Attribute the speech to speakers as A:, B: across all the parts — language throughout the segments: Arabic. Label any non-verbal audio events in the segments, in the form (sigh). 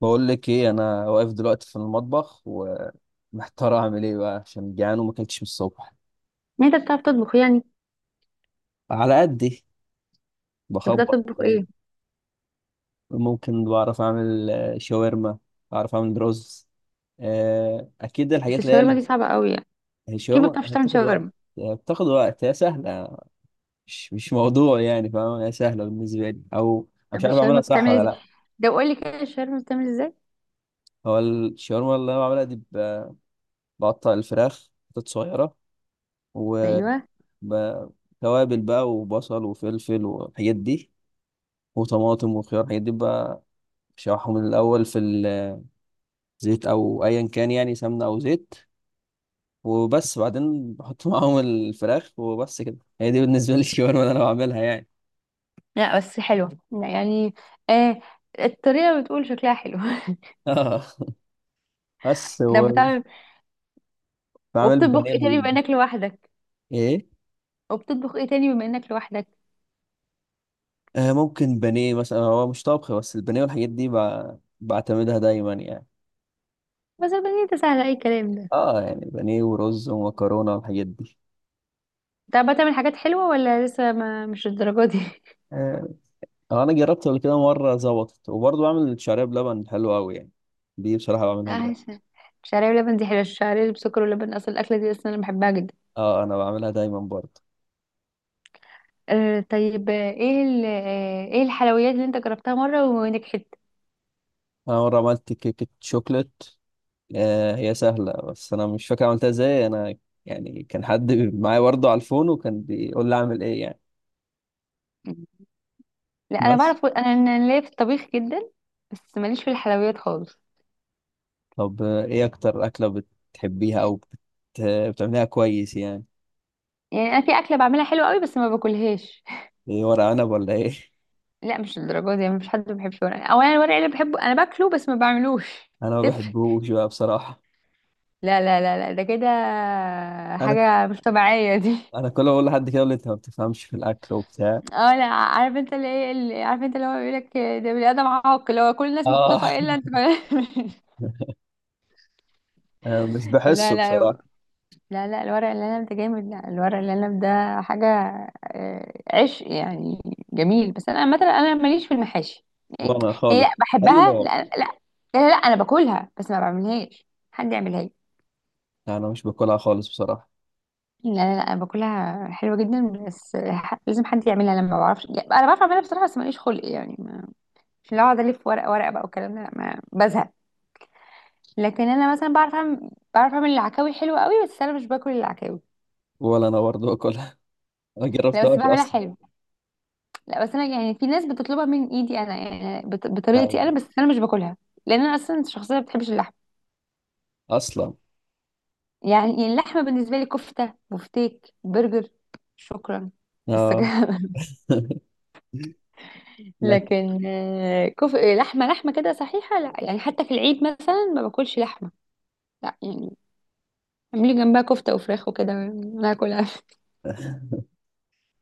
A: بقول لك ايه، انا واقف دلوقتي في المطبخ ومحتار اعمل ايه بقى عشان جعان وما اكلتش من الصبح.
B: انت بتعرف تطبخ، يعني؟
A: على قدي.
B: انت بتعرف
A: بخبط
B: تطبخ
A: كده يعني.
B: ايه؟
A: ممكن بعرف اعمل شاورما. بعرف اعمل رز. اكيد
B: بس
A: الحاجات اللي هي
B: الشاورما دي صعبه قوي، يعني
A: هي
B: كيف ما بتعرفش
A: الشاورما
B: تعمل
A: هتاخد وقت.
B: شاورما؟
A: هي بتاخد وقت، هي سهله. مش موضوع يعني، فاهم؟ هي سهله بالنسبه لي. او انا مش
B: طب
A: عارف اعملها
B: الشاورما
A: صح
B: بتعمل
A: ولا
B: ازاي؟
A: لا.
B: ده قول لي كده، الشاورما بتعمل ازاي؟
A: هو الشاورما اللي انا بعملها دي بقطع الفراخ حتت صغيره
B: ايوه.
A: بقى. توابل بقى وبصل وفلفل والحاجات دي، وطماطم وخيار الحاجات دي بقى. بشوحهم من الأول في الزيت أو أيا كان يعني، سمنة أو زيت، وبس. بعدين بحط (laughs) معاهم الفراخ وبس كده. هي دي بالنسبة لي (laughs) الشاورما اللي أنا بعملها يعني.
B: لا بس حلوه، لا يعني. آه، الطريقه بتقول شكلها حلو.
A: اه بس
B: (laughs) ده
A: هو
B: بتعمل.
A: بعمل
B: وبتطبخ
A: بانيه
B: ايه
A: والحاجات
B: تاني بما
A: دي.
B: انك لوحدك
A: إيه؟
B: وبتطبخ ايه تاني بما انك لوحدك؟
A: آه، ممكن بانيه مثلا. هو مش طبخ، بس البانيه والحاجات دي بعتمدها دايما يعني.
B: بس البنية ده سهل، اي كلام ده.
A: اه يعني بانيه ورز ومكرونة والحاجات دي.
B: انت بقى تعمل حاجات حلوه ولا لسه، ما مش الدرجه دي؟ (laughs)
A: آه، انا جربت قبل كده مره ظبطت، وبرضه بعمل الشعريه بلبن حلوه قوي يعني. دي بصراحه بعملها جدا.
B: عايشه. الشعريه بلبن دي حلوه، الشعريه اللي بسكر ولبن، اصل الاكله دي اصلا انا بحبها جدا.
A: اه انا بعملها دايما برضه.
B: طيب، آه، ايه ال- آه، ايه الحلويات اللي انت جربتها مرة ونجحت؟
A: انا مره عملت كيكه شوكليت. آه، هي سهله بس انا مش فاكر عملتها ازاي انا. يعني كان حد معايا برضه على الفون وكان بيقول لي اعمل ايه يعني.
B: لا انا
A: بس
B: بعرف، انا ليا في الطبيخ جدا. بس ماليش في الحلويات خالص.
A: طب ايه اكتر اكله بتحبيها او بتعمليها كويس يعني؟
B: يعني انا في اكله بعملها حلوه قوي بس ما باكلهاش.
A: ايه، ورق عنب ولا ايه؟
B: لا مش الدرجه دي، مفيش حد ما بيحبش ورق، او انا الورق اللي بحبه انا باكله بس ما بعملوش،
A: (laughs) انا
B: (laughs)
A: ما
B: تفرق.
A: بحبوش بقى بصراحه.
B: لا لا لا لا، ده كده
A: انا
B: حاجه مش طبيعيه دي. (laughs)
A: انا كل ما اقول لحد كده يقول لي انت ما بتفهمش في الاكل وبتاع.
B: اه، لا عارف انت اللي ايه، اللي عارف انت اللي هو بيقول لك. ده بني ادم عاق، اللي هو كل الناس
A: اه.
B: متفقه الا انت. (laughs)
A: (laughs) مش
B: لا
A: بحسه
B: لا
A: بصراحة.
B: لا لا، الورق العنب ده جامد، لا الورق العنب ده حاجة آه، عشق يعني، جميل. بس أنا مثلا أنا ماليش في المحاشي، يعني
A: وأنا
B: يعني
A: خالص.
B: لا،
A: أي
B: بحبها،
A: نوع؟
B: لا لا لا. لا، لا أنا باكلها بس ما بعملهاش، حد يعملها لي.
A: أنا مش باكلها خالص بصراحة.
B: لا لا لا، أنا باكلها حلوة جدا بس لازم حد يعملها، لما ما بعرفش. يعني أنا بعرف أعملها بصراحة بس ماليش خلق، يعني مش اللي أقعد ألف ورقة ورقة بقى والكلام ده، لا، ما بزهق. لكن أنا مثلا بعرف أعمل العكاوي حلوة قوي، بس أنا مش باكل العكاوي.
A: ولا أنا برضه باكلها. (laughs) ما
B: لا بس
A: جربتهاش
B: بعملها
A: أصلا.
B: حلو. لا بس انا يعني في ناس بتطلبها من ايدي انا، يعني
A: آه،
B: بطريقتي انا، بس انا مش باكلها. لان انا اصلا شخصيه ما بتحبش اللحم.
A: أصلا.
B: يعني اللحمه بالنسبه لي كفته، بفتيك، برجر، شكرا. بس
A: آه.
B: كده. (laughs)
A: (laughs) لكن.
B: لكن لحمه لحمه كده صحيحه، لا، يعني حتى في العيد مثلا ما باكلش لحمه، لا يعني. اعملي جنبها كفته وفراخ وكده ناكلها.
A: (laughs)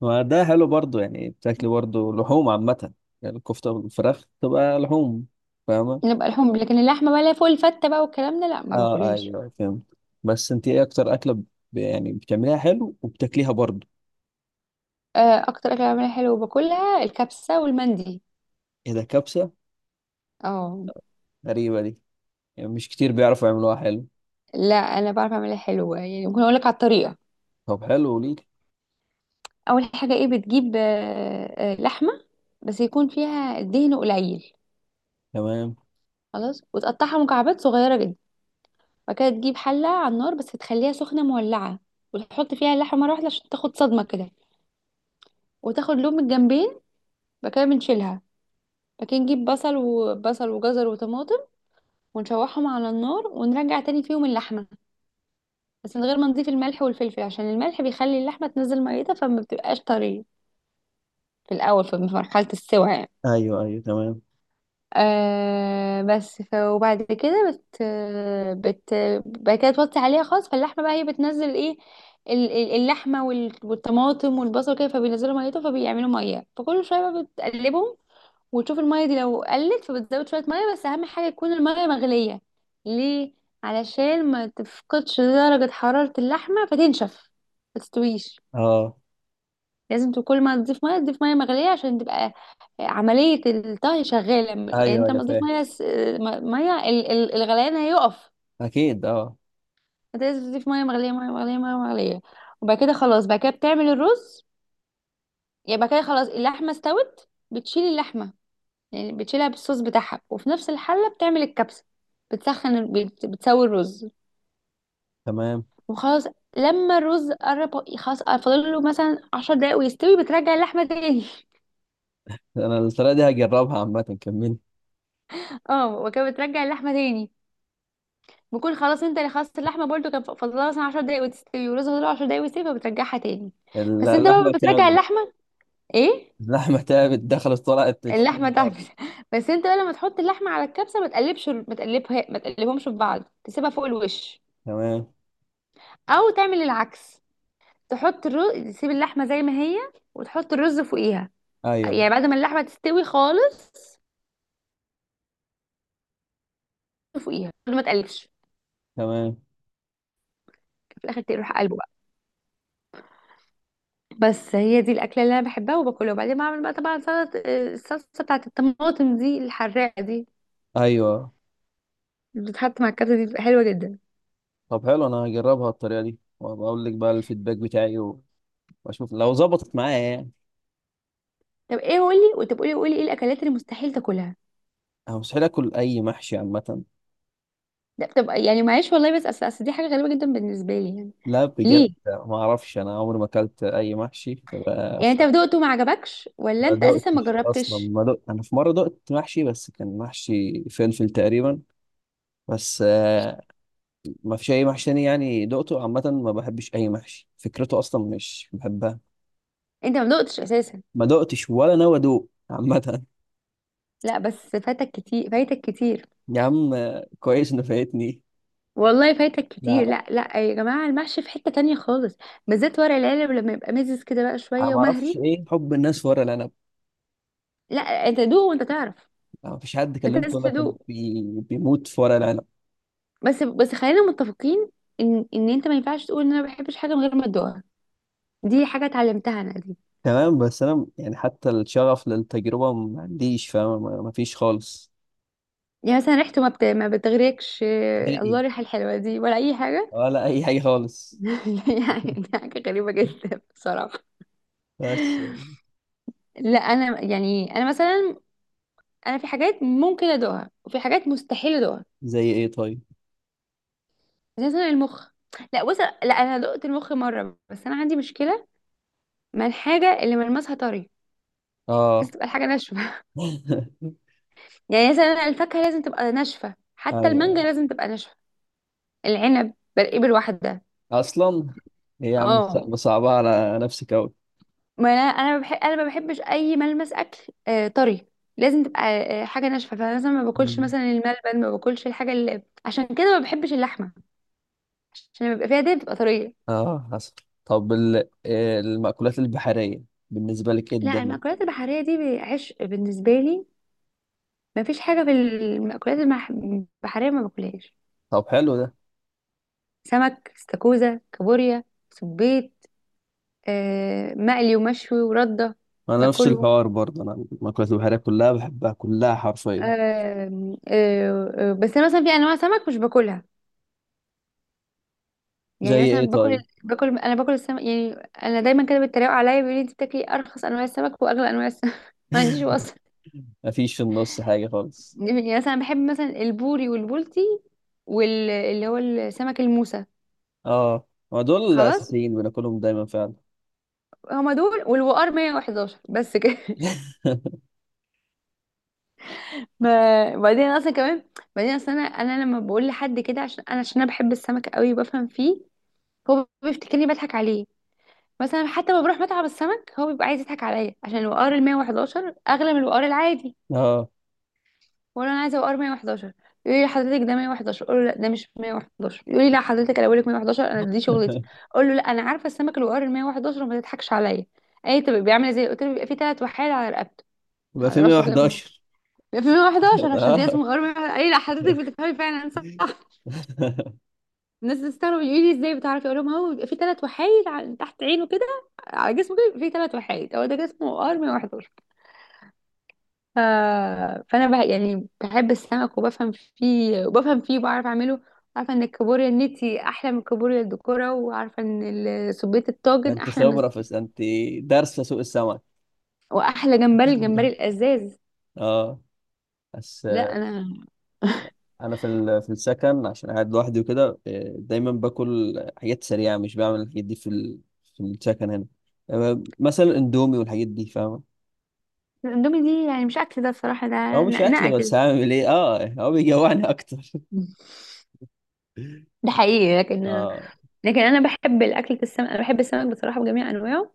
A: ما ده حلو برضه يعني، بتاكلي برضه لحوم عامة. يعني الكفتة والفراخ تبقى لحوم، فاهمة؟
B: نبقى لحوم، لكن اللحمه ولا فول فته بقى والكلام ده، لا ما
A: آه
B: باكلهاش.
A: أيوه، فهمت. بس أنت إيه أكتر أكلة يعني بتعمليها حلو وبتاكليها برضه؟
B: آه، اكتر اكله بعملها حلو وباكلها الكبسه والمندي.
A: إيه ده، كبسة؟
B: اه،
A: غريبة دي، يعني مش كتير بيعرفوا يعملوها حلو.
B: لا انا بعرف اعملها حلوه، يعني ممكن اقول لك على الطريقه.
A: طب حلو ليك.
B: اول حاجه ايه، بتجيب لحمه بس يكون فيها دهن قليل،
A: تمام.
B: خلاص، وتقطعها مكعبات صغيره جدا. بعد كده تجيب حله على النار، بس تخليها سخنه مولعه، وتحط فيها اللحمه مره واحده عشان تاخد صدمه كده، وتاخد لون من الجنبين. بعد كده بنشيلها. بعد كده نجيب بصل وجزر وطماطم، ونشوحهم على النار، ونرجع تاني فيهم اللحمه، بس من غير ما نضيف الملح والفلفل، عشان الملح بيخلي اللحمه تنزل ميتها فما بتبقاش طريه، في الاول في مرحله السوى، يعني.
A: ايوه ايوه تمام.
B: آه بس ف وبعد كده بت بت بعد كده توطي عليها خالص، فاللحمه بقى هي بتنزل ايه، اللحمه والطماطم والبصل كده، فبينزلوا ميته، فبيعملوا ميه، فكل شويه بقى بتقلبهم، وتشوف الميه دي لو قلت فبتزود شويه ميه، بس اهم حاجه تكون الميه مغليه. ليه؟ علشان ما تفقدش درجه حراره اللحمه فتنشف، ما تستويش.
A: اه.
B: لازم كل ما تضيف ميه تضيف ميه مغليه، عشان تبقى عمليه الطهي شغاله. يعني
A: ايوه
B: انت
A: ايوه
B: لما تضيف
A: فاهم.
B: ميه الغليان هيقف.
A: اكيد اه.
B: انت لازم تضيف ميه مغليه، ميه مغليه، ميه مغليه. وبعد كده خلاص، بعد كده بتعمل الرز. يعني بعد كده خلاص اللحمه استوت، بتشيل اللحمه، يعني بتشيلها بالصوص بتاعها، وفي نفس الحله بتعمل الكبسه. بتسوي الرز،
A: تمام.
B: وخلاص. لما الرز قرب خلاص، فاضل له مثلا 10 دقايق ويستوي، بترجع اللحمه تاني. (laughs)
A: انا الطريقه دي هجربها عامه، كمل.
B: اه، وكده بترجع اللحمه تاني، بكون خلاص انت اللي خلصت اللحمه برضو كان فاضلها مثلا 10 دقايق وتستوي، والرز فاضله 10 دقايق ويستوي، فبترجعها تاني. بس انت بقى
A: اللحمه
B: بترجع
A: تعبت.
B: اللحمه، ايه،
A: اللحمه تعبت، دخلت طلعت
B: اللحمه
A: 20 مره.
B: تحبس. (laughs) بس انت بقى لما تحط اللحمه على الكبسه ما تقلبش، ما تقلبها، ما تقلبهمش في بعض، تسيبها فوق الوش.
A: تمام.
B: او تعمل العكس، تحط الرز، تسيب اللحمه زي ما هي، وتحط الرز فوقيها،
A: ايوه
B: يعني بعد ما اللحمه تستوي خالص فوقيها ما تقلبش،
A: تمام.
B: في الاخر تروح قلبه. بس هي دي الاكله اللي انا بحبها وباكلها، وبعدين بعمل بقى طبعا سلطه الصلصه بتاعت الطماطم دي، الحراقه دي
A: ايوه.
B: اللي بتتحط مع الكبسه دي بتبقى حلوه جدا.
A: طب حلو، انا هجربها الطريقه دي وبقول لك بقى الفيدباك بتاعي و، واشوف لو ظبطت معايا يعني.
B: طب، ايه، قولي، وتبقى قولي، قولي ايه الاكلات اللي مستحيل تاكلها.
A: انا مستحيل اكل اي محشي عامه.
B: ده بتبقى يعني، معلش والله، بس أصل دي حاجه غريبه جدا بالنسبه لي، يعني
A: لا بجد
B: ليه؟
A: ما اعرفش، انا عمري ما اكلت اي محشي
B: يعني انت
A: فبقى.
B: دقته ما عجبكش ولا
A: فما
B: انت اساسا ما
A: دقتش اصلا،
B: جربتش؟
A: ما دقت. انا في مره دقت محشي بس كان محشي فلفل تقريبا بس. ما فيش اي محشي تاني يعني دقته عامه. ما بحبش اي محشي، فكرته اصلا مش بحبها.
B: انت ما دقتش اساسا؟
A: ما دقتش ولا ناوي ادوق عامه.
B: لا بس فاتك كتير، فايتك كتير،
A: يا عم كويس انه فايتني.
B: والله فايتك كتير.
A: لا
B: لا لا، يا جماعه المحشي في حته تانية خالص، بالذات ورق العنب لما يبقى مزز كده بقى
A: انا
B: شويه
A: ما اعرفش
B: ومهري.
A: ايه حب الناس في ورق العنب.
B: لا، انت دوق وانت تعرف.
A: ما فيش حد
B: انت
A: كلمته
B: لازم
A: ولا كان
B: تدوق.
A: بيموت في ورق العنب.
B: بس خلينا متفقين ان انت ما ينفعش تقول ان انا ما بحبش حاجه من غير ما تدوقها، دي حاجه اتعلمتها انا دي.
A: تمام، بس انا يعني حتى الشغف للتجربه ما عنديش، فاهم؟ ما فيش خالص.
B: يعني مثلا ريحته ما بتغريكش؟ آه،
A: نهائي،
B: الله، الريحه الحلوه دي ولا اي حاجه؟
A: ولا اي حاجه خالص.
B: (laughs) يعني دي حاجه غريبه جدا
A: (laughs)
B: بصراحه.
A: بس.
B: لا انا، يعني انا مثلا، انا في حاجات ممكن ادوقها وفي حاجات مستحيل ادوقها،
A: زي ايه طيب؟
B: زي مثلا المخ. لا بص، لا انا دقت المخ مره، بس انا عندي مشكله مع الحاجه اللي ملمسها طري،
A: اه.
B: لازم تبقى الحاجه ناشفه.
A: (laughs)
B: يعني مثلا الفاكهة لازم تبقى ناشفة، حتى
A: ايوه
B: المانجا لازم تبقى ناشفة، العنب برقيه بالوحدة،
A: اصلا. هي يا عم
B: اه،
A: صعبة على نفسك اوي.
B: ما انا بحب، انا ما بحبش اي ملمس اكل آه طري، لازم تبقى حاجة ناشفة. فانا مثلا ما باكلش
A: مم.
B: مثلا الملبن، ما باكلش الحاجة اللي، عشان كده ما بحبش اللحمة، عشان لما بيبقى فيها دهن بتبقى طرية.
A: اه حصل. طب المأكولات البحرية بالنسبة لك ايه
B: لا،
A: الدنيا؟
B: المأكولات البحرية دي عشق بالنسبة لي، ما فيش حاجة في المأكولات البحرية ما باكلهاش.
A: طب حلو ده.
B: سمك، استاكوزا، كابوريا، سبيط، مقلي ومشوي، وردة،
A: انا نفس
B: باكلهم.
A: الحوار برضه، انا المأكولات البحرية كلها بحبها كلها حرفيا.
B: آم، آه، آه، بس انا مثلا في انواع سمك مش باكلها، يعني
A: زي
B: مثلا
A: ايه
B: باكل
A: طيب؟
B: باكل انا باكل السمك، يعني انا دايما كده بيتريقوا عليا بيقولوا لي انت بتاكلي ارخص انواع السمك واغلى انواع السمك، (laughs) ما عنديش
A: (laughs)
B: وصف.
A: مفيش في النص حاجة خالص.
B: يعني مثلا بحب مثلا البوري والبولتي، واللي هو السمك الموسى،
A: اه، ما دول
B: خلاص.
A: الاساسيين بناكلهم دايما فعلا.
B: هما دول والوقار 111، بس كده. (laughs)
A: (laughs)
B: ما بعدين اصلا كمان، بعدين اصلا انا لما بقول لحد كده عشان انا بحب السمك قوي وبفهم فيه، هو بيفتكرني بضحك عليه. مثلا حتى لما بروح مطعم السمك هو بيبقى عايز يضحك عليا، عشان الوقار ال 111 اغلى من الوقار العادي،
A: اه،
B: وانا عايزه وقار 111. يقول لي حضرتك ده 111، اقول له لا ده مش 111. يقول لي لا حضرتك، انا بقول لك 111، انا دي شغلتي. اقول له لا، انا عارفه السمك الوقار ال 111 وما تضحكش عليا. اي طب بيعمل ازاي؟ قلت له بيبقى فيه ثلاث وحايد على رقبته،
A: يبقى
B: على
A: في
B: راسه كده بيبقى
A: 111.
B: في 111، عشان كده
A: اه.
B: اسمه وقار 111. اي، لا حضرتك بتفهمي فعلا صح.
A: (laughs)
B: الناس بتستغرب يقول لي ازاي بتعرفي، اقول لهم هو بيبقى فيه ثلاث وحايد، تحت عينه كده، على جسمه كده في ثلاث وحايد، هو ده جسمه ار 111. آه، فانا بقى يعني بحب السمك وبفهم فيه وبعرف اعمله، عارفه ان الكابوريا النتي احلى من الكابوريا الدكوره، وعارفه ان سبيت الطاجن
A: انت
B: احلى من،
A: خبرة في، انت دارسة سوق السمك.
B: واحلى جمبري الجمبري
A: (laughs)
B: الازاز.
A: اه. بس
B: لا انا. (laughs)
A: انا في في السكن عشان قاعد لوحدي وكده، دايما باكل حاجات سريعه، مش بعمل الحاجات دي في في السكن هنا. مثلا اندومي والحاجات دي، فاهمه؟
B: الاندومي دي يعني مش اكل، ده بصراحه ده
A: او مش اكل
B: نقنقه
A: بس
B: كده،
A: هعمل ايه؟ اه هو بيجوعني اكتر. (laughs)
B: ده حقيقي. لكن،
A: اه
B: لكن انا بحب الاكل السمك، انا بحب السمك بصراحه بجميع انواعه،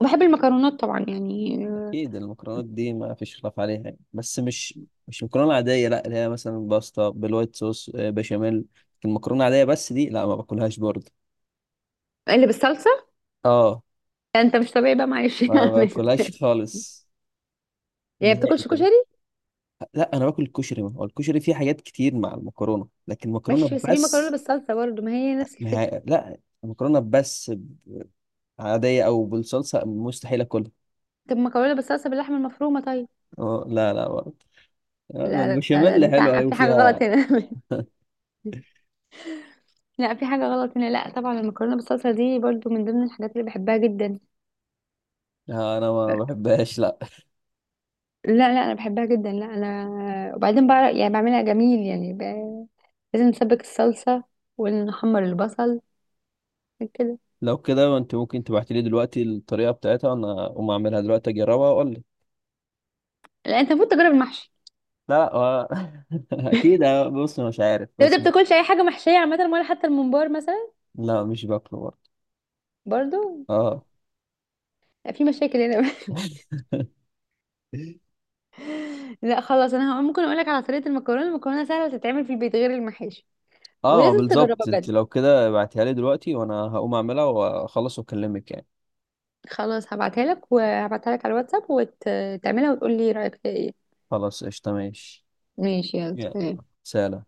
B: وبحب المكرونات طبعا، يعني.
A: اكيد، المكرونات دي ما فيش خلاف عليها يعني. بس مش مكرونه عاديه لا، اللي هي مثلا باستا بالوايت صوص، بشاميل. المكرونه العاديه بس دي لا ما باكلهاش برضه.
B: اللي بالصلصه،
A: اه
B: يعني انت مش طبيعي بقى، معلش، (laughs)
A: ما باكلهاش
B: يعني
A: خالص،
B: ما
A: نهائي
B: بتاكلش
A: كده.
B: كشري؟
A: لا انا باكل الكشري، هو الكشري فيه حاجات كتير مع المكرونه، لكن
B: ماشي،
A: مكرونه
B: بس في مكرونه
A: بس.
B: بالصلصه برضه، ما هي نفس
A: ما
B: الفكره.
A: هي... لا، مكرونه بس، عاديه او بالصلصه، مستحيل اكلها.
B: طب مكرونه بالصلصه باللحمه المفرومه طيب؟
A: اه لا لا برضه.
B: لا لا لا،
A: البشاميل
B: انت
A: حلوه ايوه،
B: في حاجه غلط
A: فيها.
B: هنا، (laughs) لا في حاجه غلط هنا، لا طبعا المكرونه بالصلصه دي برضه من ضمن الحاجات اللي بحبها جدا،
A: انا ما بحبهاش لا.
B: لا لا انا بحبها جدا، لا انا وبعدين بعرف، يعني بعملها جميل، يعني. لازم نسبك الصلصه ونحمر البصل كده.
A: لو كده انت ممكن تبعتي لي دلوقتي الطريقه بتاعتها، انا اقوم اعملها دلوقتي اجربها واقول لي.
B: لا انت المفروض تجرب المحشي،
A: لا (laughs) اكيد. آه، بص أنا مش عارف
B: لو انت
A: بس.
B: بتاكلش اي حاجه محشيه عامه ولا حتى الممبار مثلا؟
A: لا مش باكله برضه.
B: برضه؟
A: اه.
B: لا، في مشاكل هنا. (laughs)
A: (laughs)
B: لا خلاص، انا ممكن اقول لك على طريقه المكرونه، المكرونه سهله تتعمل في البيت غير المحاشي،
A: اه
B: ولازم تجربها
A: بالظبط، انت
B: بجد.
A: لو كده ابعتيها لي دلوقتي وانا هقوم اعملها واخلص واكلمك يعني.
B: خلاص، هبعتها لك، وهبعتها لك على الواتساب، وتعملها وتقول لي رايك فيها ايه.
A: خلاص قشطة، ماشي.
B: ماشي،
A: يعني
B: يلا.
A: سلام.